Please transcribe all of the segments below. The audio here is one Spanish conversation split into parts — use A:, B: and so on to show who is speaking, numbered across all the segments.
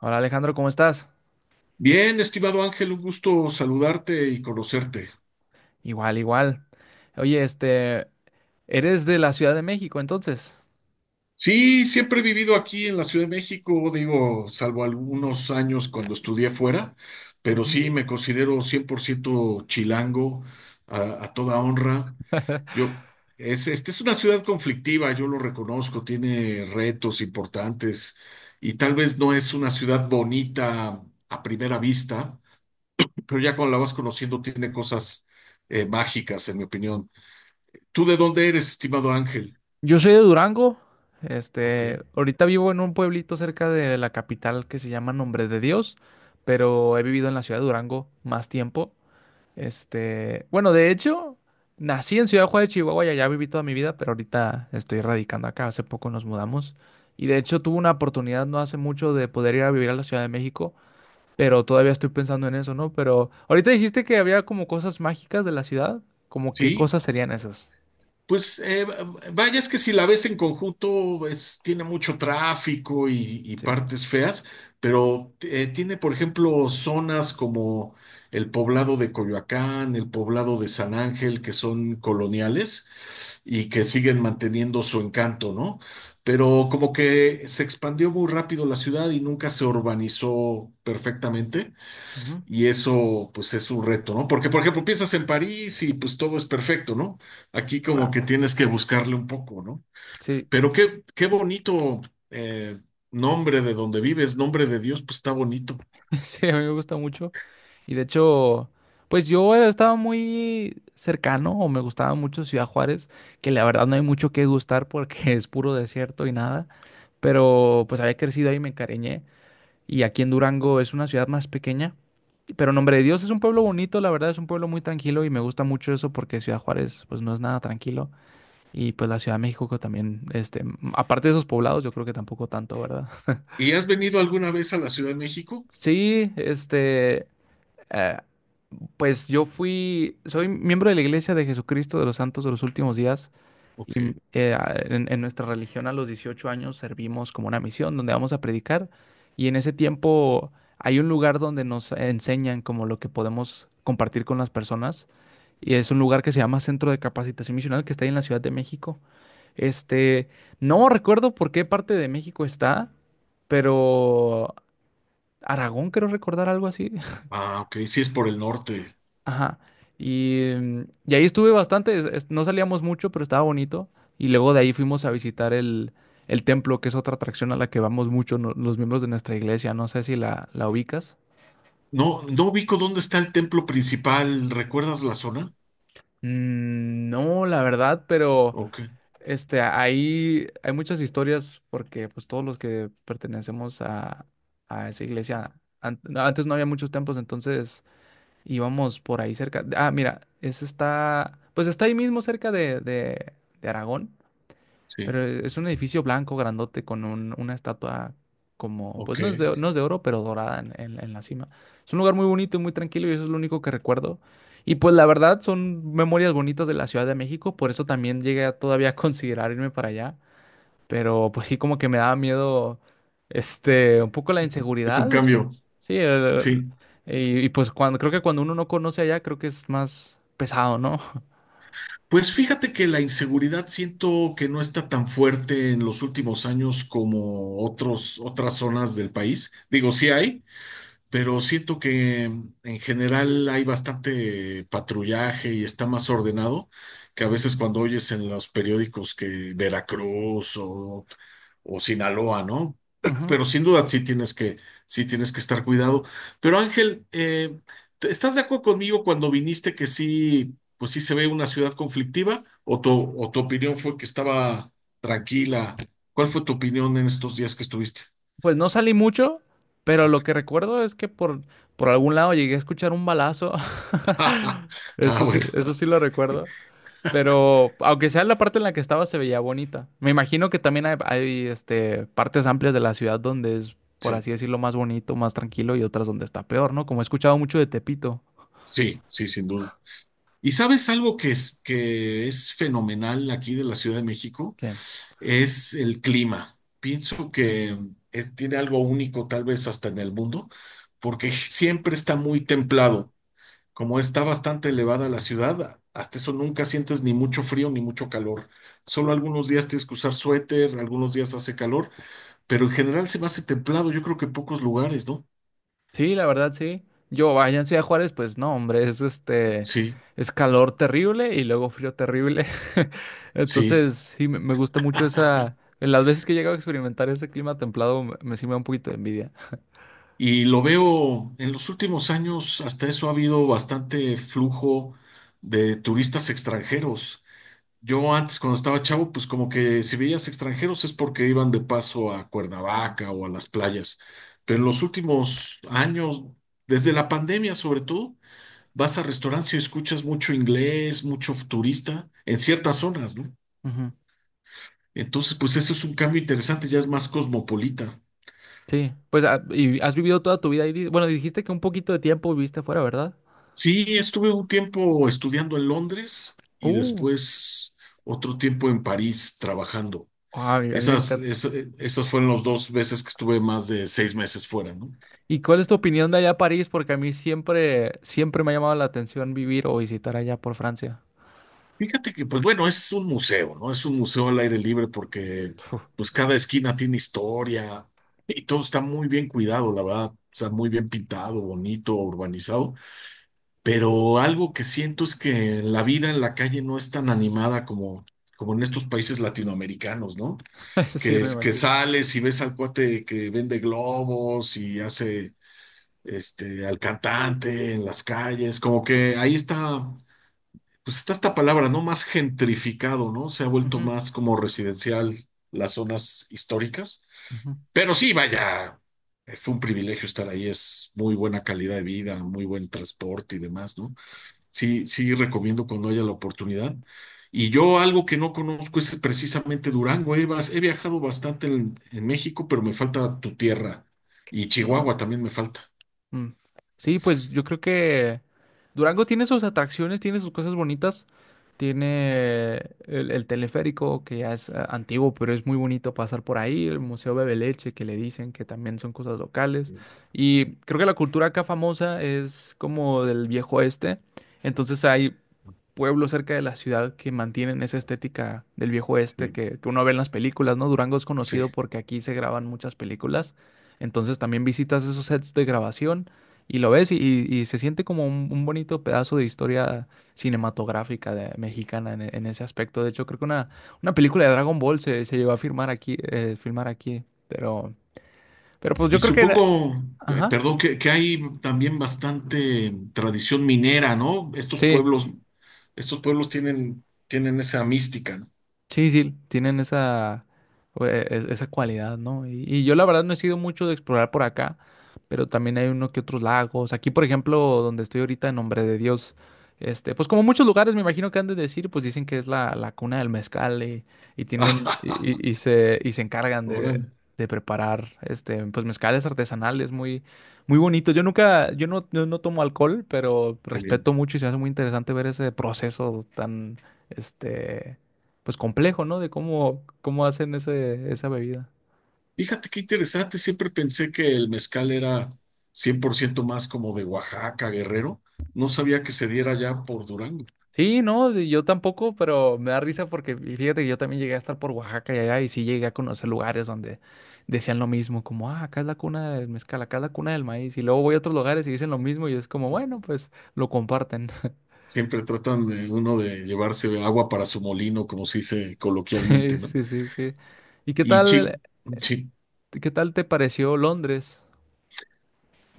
A: Hola Alejandro, ¿cómo estás?
B: Bien, estimado Ángel, un gusto saludarte y conocerte.
A: Igual, igual. Oye, eres de la Ciudad de México, entonces.
B: Sí, siempre he vivido aquí en la Ciudad de México, digo, salvo algunos años cuando estudié fuera, pero
A: Ujú.
B: sí me considero 100% chilango a toda honra. Yo, este es una ciudad conflictiva, yo lo reconozco, tiene retos importantes y tal vez no es una ciudad bonita a primera vista, pero ya cuando la vas conociendo tiene cosas mágicas, en mi opinión. ¿Tú de dónde eres, estimado Ángel?
A: Yo soy de Durango.
B: Ok.
A: Ahorita vivo en un pueblito cerca de la capital que se llama Nombre de Dios, pero he vivido en la ciudad de Durango más tiempo. Bueno, de hecho, nací en Ciudad Juárez, Chihuahua, y allá viví toda mi vida, pero ahorita estoy radicando acá. Hace poco nos mudamos. Y de hecho tuve una oportunidad no hace mucho de poder ir a vivir a la Ciudad de México. Pero todavía estoy pensando en eso, ¿no? Pero ahorita dijiste que había como cosas mágicas de la ciudad. Como qué
B: Sí,
A: cosas serían esas?
B: pues vaya, es que si la ves en conjunto, tiene mucho tráfico y
A: Sí.
B: partes feas, pero tiene, por ejemplo, zonas como el poblado de Coyoacán, el poblado de San Ángel, que son coloniales y que siguen manteniendo su encanto, ¿no? Pero como que se expandió muy rápido la ciudad y nunca se urbanizó perfectamente.
A: Ujú,
B: Y eso, pues, es un reto, ¿no? Porque, por ejemplo, piensas en París y pues todo es perfecto, ¿no? Aquí como
A: claro.
B: que tienes que buscarle un poco, ¿no?
A: Sí,
B: Pero qué bonito eh, nombre de donde vives, Nombre de Dios, pues está bonito.
A: sí, a mí me gusta mucho. Y de hecho, pues yo estaba muy cercano o me gustaba mucho Ciudad Juárez, que la verdad no hay mucho que gustar porque es puro desierto y nada. Pero pues había crecido ahí y me encariñé. Y aquí en Durango es una ciudad más pequeña. Pero Nombre de Dios es un pueblo bonito, la verdad es un pueblo muy tranquilo y me gusta mucho eso porque Ciudad Juárez pues no es nada tranquilo y pues la Ciudad de México que también, aparte de esos poblados yo creo que tampoco tanto, ¿verdad?
B: ¿Y has venido alguna vez a la Ciudad de México?
A: Sí, eh, pues yo fui, soy miembro de la Iglesia de Jesucristo de los Santos de los Últimos Días.
B: Ok.
A: Y en nuestra religión a los 18 años servimos como una misión donde vamos a predicar y en ese tiempo hay un lugar donde nos enseñan como lo que podemos compartir con las personas y es un lugar que se llama Centro de Capacitación Misional que está ahí en la Ciudad de México. Este, no recuerdo por qué parte de México está, pero Aragón creo recordar algo así.
B: Ah, ok, sí es por el norte.
A: Ajá. Y ahí estuve bastante, no salíamos mucho, pero estaba bonito. Y luego de ahí fuimos a visitar el, templo, que es otra atracción a la que vamos mucho los miembros de nuestra iglesia. No sé si la ubicas.
B: No, no ubico dónde está el templo principal. ¿Recuerdas la zona?
A: Mm, no, la verdad, pero
B: Ok,
A: ahí hay muchas historias porque pues todos los que pertenecemos a, esa iglesia, antes no había muchos templos, entonces íbamos por ahí cerca. Ah, mira, ese está, pues está ahí mismo cerca de Aragón.
B: sí,
A: Pero es un edificio blanco, grandote, con una estatua como, pues
B: ok.
A: no es de oro, pero dorada en la cima. Es un lugar muy bonito y muy tranquilo y eso es lo único que recuerdo. Y pues la verdad son memorias bonitas de la Ciudad de México, por eso también llegué a todavía a considerar irme para allá. Pero pues sí, como que me daba miedo, un poco la
B: Es un
A: inseguridad.
B: cambio,
A: Sí,
B: sí.
A: y pues cuando, creo que cuando uno no conoce allá, creo que es más pesado, ¿no?
B: Pues fíjate que la inseguridad siento que no está tan fuerte en los últimos años como otras zonas del país. Digo, sí hay, pero siento que en general hay bastante patrullaje y está más ordenado que a veces cuando oyes en los periódicos que Veracruz o Sinaloa, ¿no?
A: Ujú.
B: Pero sin duda sí tienes que estar cuidado. Pero Ángel, ¿estás de acuerdo conmigo cuando viniste que sí, pues sí se ve una ciudad conflictiva? ¿O tu opinión fue que estaba tranquila? ¿Cuál fue tu opinión en estos días que estuviste?
A: Pues no salí mucho, pero
B: Ok.
A: lo que recuerdo es que por algún lado llegué a escuchar un balazo.
B: Ah, bueno,
A: Eso sí lo recuerdo. Pero aunque sea la parte en la que estaba, se veía bonita. Me imagino que también hay, partes amplias de la ciudad donde es, por
B: sí,
A: así decirlo, más bonito, más tranquilo y otras donde está peor, ¿no? Como he escuchado mucho de Tepito.
B: sí, sí, sin duda. ¿Y sabes algo que es fenomenal aquí de la Ciudad de México?
A: ¿Qué?
B: Es el clima. Pienso que tiene algo único, tal vez hasta en el mundo, porque siempre está muy templado. Como está bastante elevada la ciudad, hasta eso nunca sientes ni mucho frío ni mucho calor. Solo algunos días tienes que usar suéter, algunos días hace calor, pero en general se me hace templado. Yo creo que en pocos lugares, ¿no?
A: Sí, la verdad, sí. Yo, váyanse a Juárez, pues no, hombre,
B: Sí,
A: es calor terrible y luego frío terrible.
B: sí.
A: Entonces, sí, me gusta mucho en las veces que he llegado a experimentar ese clima templado, me sí me da un poquito de envidia.
B: Y lo veo en los últimos años, hasta eso ha habido bastante flujo de turistas extranjeros. Yo antes, cuando estaba chavo, pues como que si veías extranjeros es porque iban de paso a Cuernavaca o a las playas. Pero en
A: Mm.
B: los últimos años, desde la pandemia sobre todo, vas a restaurantes y escuchas mucho inglés, mucho turista en ciertas zonas, ¿no?
A: Ujú.
B: Entonces, pues eso es un cambio interesante, ya es más cosmopolita.
A: Sí, pues, ¿y has vivido toda tu vida ahí? Bueno, dijiste que un poquito de tiempo viviste afuera, ¿verdad?
B: Sí, estuve un tiempo estudiando en Londres y
A: Uh,
B: después otro tiempo en París trabajando.
A: ay, a mí me
B: Esas,
A: encanta.
B: es- esas fueron las dos veces que estuve más de 6 meses fuera, ¿no?
A: ¿Y cuál es tu opinión de allá a París? Porque a mí siempre, siempre me ha llamado la atención vivir o visitar allá por Francia.
B: Fíjate que, pues bueno, es un museo, ¿no? Es un museo al aire libre porque,
A: Uf,
B: pues cada esquina tiene historia y todo está muy bien cuidado, la verdad. Está muy bien pintado, bonito, urbanizado. Pero algo que siento es que la vida en la calle no es tan animada como en estos países latinoamericanos, ¿no?
A: sí,
B: Que,
A: me
B: es, que
A: imagino.
B: sales y ves al cuate que vende globos y hace al cantante, en las calles, como que ahí está, pues está esta palabra, ¿no? Más gentrificado, ¿no? Se ha vuelto más como residencial las zonas históricas.
A: Ujú,
B: Pero sí, vaya, fue un privilegio estar ahí, es muy buena calidad de vida, muy buen transporte y demás, ¿no? Sí, sí recomiendo cuando haya la oportunidad. Y yo algo que no conozco es precisamente Durango. He viajado bastante en México, pero me falta tu tierra. Y Chihuahua
A: Durango.
B: también me falta.
A: Mm. Sí, pues yo creo que Durango tiene sus atracciones, tiene sus cosas bonitas. Tiene el teleférico, que ya es antiguo, pero es muy bonito pasar por ahí. El Museo Bebeleche, que le dicen que también son cosas locales. Y creo que la cultura acá famosa es como del viejo oeste. Entonces hay pueblo cerca de la ciudad que mantienen esa estética del viejo oeste
B: Sí,
A: que uno ve en las películas, ¿no? Durango es
B: sí.
A: conocido porque aquí se graban muchas películas, entonces también visitas esos sets de grabación y lo ves y se siente como un bonito pedazo de historia cinematográfica mexicana en ese aspecto. De hecho, creo que una película de Dragon Ball se llevó a filmar aquí, pero pues
B: Y
A: yo creo que
B: supongo,
A: Ajá.
B: perdón, que hay también bastante tradición minera, ¿no? Estos
A: Sí.
B: pueblos, estos pueblos tienen esa mística, ¿no?
A: Sí, sí, tienen esa cualidad, ¿no? Y yo la verdad no he sido mucho de explorar por acá, pero también hay uno que otros lagos. Aquí, por ejemplo, donde estoy ahorita, en Nombre de Dios, pues como muchos lugares me imagino que han de decir, pues dicen que es la cuna del mezcal y tienen, y, y y se, y se encargan de,
B: Órale,
A: de preparar, pues mezcales artesanales muy, muy bonitos. Yo no tomo alcohol, pero
B: qué bien.
A: respeto mucho y se hace muy interesante ver ese proceso tan, este pues complejo, ¿no? De cómo hacen ese, esa bebida.
B: Fíjate qué interesante, siempre pensé que el mezcal era 100% más como de Oaxaca, Guerrero. No sabía que se diera ya por Durango.
A: Sí, no, yo tampoco, pero me da risa porque y fíjate que yo también llegué a estar por Oaxaca y allá y sí llegué a conocer lugares donde decían lo mismo, como, ah, acá es la cuna del mezcal, acá es la cuna del maíz. Y luego voy a otros lugares y dicen lo mismo y es como, bueno, pues lo comparten.
B: Siempre tratan de uno de llevarse agua para su molino, como se dice coloquialmente,
A: Sí,
B: ¿no?
A: sí, sí, sí. ¿Y
B: Y chi,
A: qué tal te pareció Londres?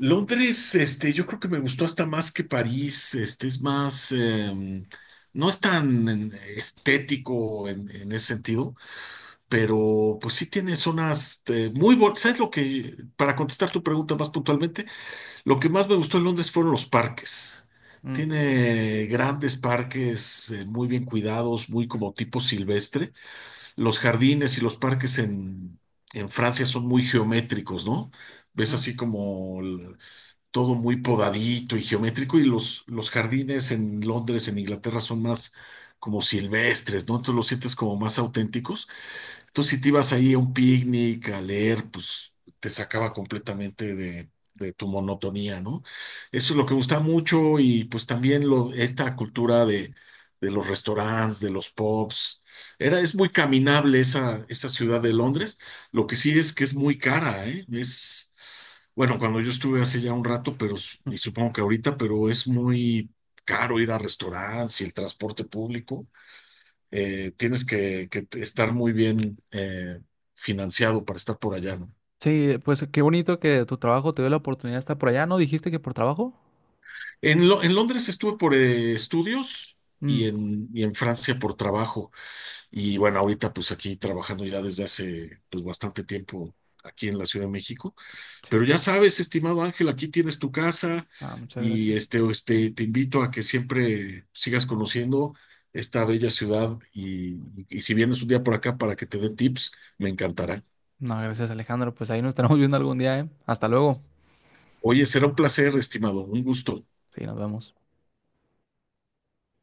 B: Londres, yo creo que me gustó hasta más que París, es más, no es tan estético en ese sentido, pero pues sí tiene zonas muy, ¿sabes lo que, para contestar tu pregunta más puntualmente, lo que más me gustó en Londres fueron los parques.
A: Mm,
B: Tiene grandes parques muy bien cuidados, muy como tipo silvestre. Los jardines y los parques en Francia son muy geométricos, ¿no? Ves
A: ujú,
B: así como todo muy podadito y geométrico, y los jardines en Londres, en Inglaterra, son más como silvestres, ¿no? Entonces los sientes como más auténticos. Tú si te ibas ahí a un picnic, a leer, pues te sacaba completamente de tu monotonía, ¿no? Eso es lo que gusta mucho y pues también lo, esta cultura de los restaurantes, de los pubs. Era, es muy caminable esa ciudad de Londres. Lo que sí es que es muy cara, ¿eh? Es, bueno, cuando yo estuve hace ya un rato, pero y
A: ujú.
B: supongo que ahorita, pero es muy caro ir a restaurantes y el transporte público tienes que estar muy bien financiado para estar por allá, ¿no?
A: Sí, pues qué bonito que tu trabajo te dio la oportunidad de estar por allá, ¿no? ¿Dijiste que por trabajo?
B: En Londres estuve por estudios y
A: Mm,
B: en, y en Francia por trabajo. Y bueno, ahorita pues aquí trabajando ya desde hace pues bastante tiempo aquí en la Ciudad de México. Pero ya sabes, estimado Ángel, aquí tienes tu casa
A: ah, muchas
B: y
A: gracias.
B: te invito a que siempre sigas conociendo esta bella ciudad y si vienes un día por acá para que te dé tips, me encantará.
A: No, gracias Alejandro. Pues ahí nos estaremos viendo algún día, ¿eh? Hasta luego.
B: Oye, será un placer, estimado, un gusto.
A: Sí, nos vemos.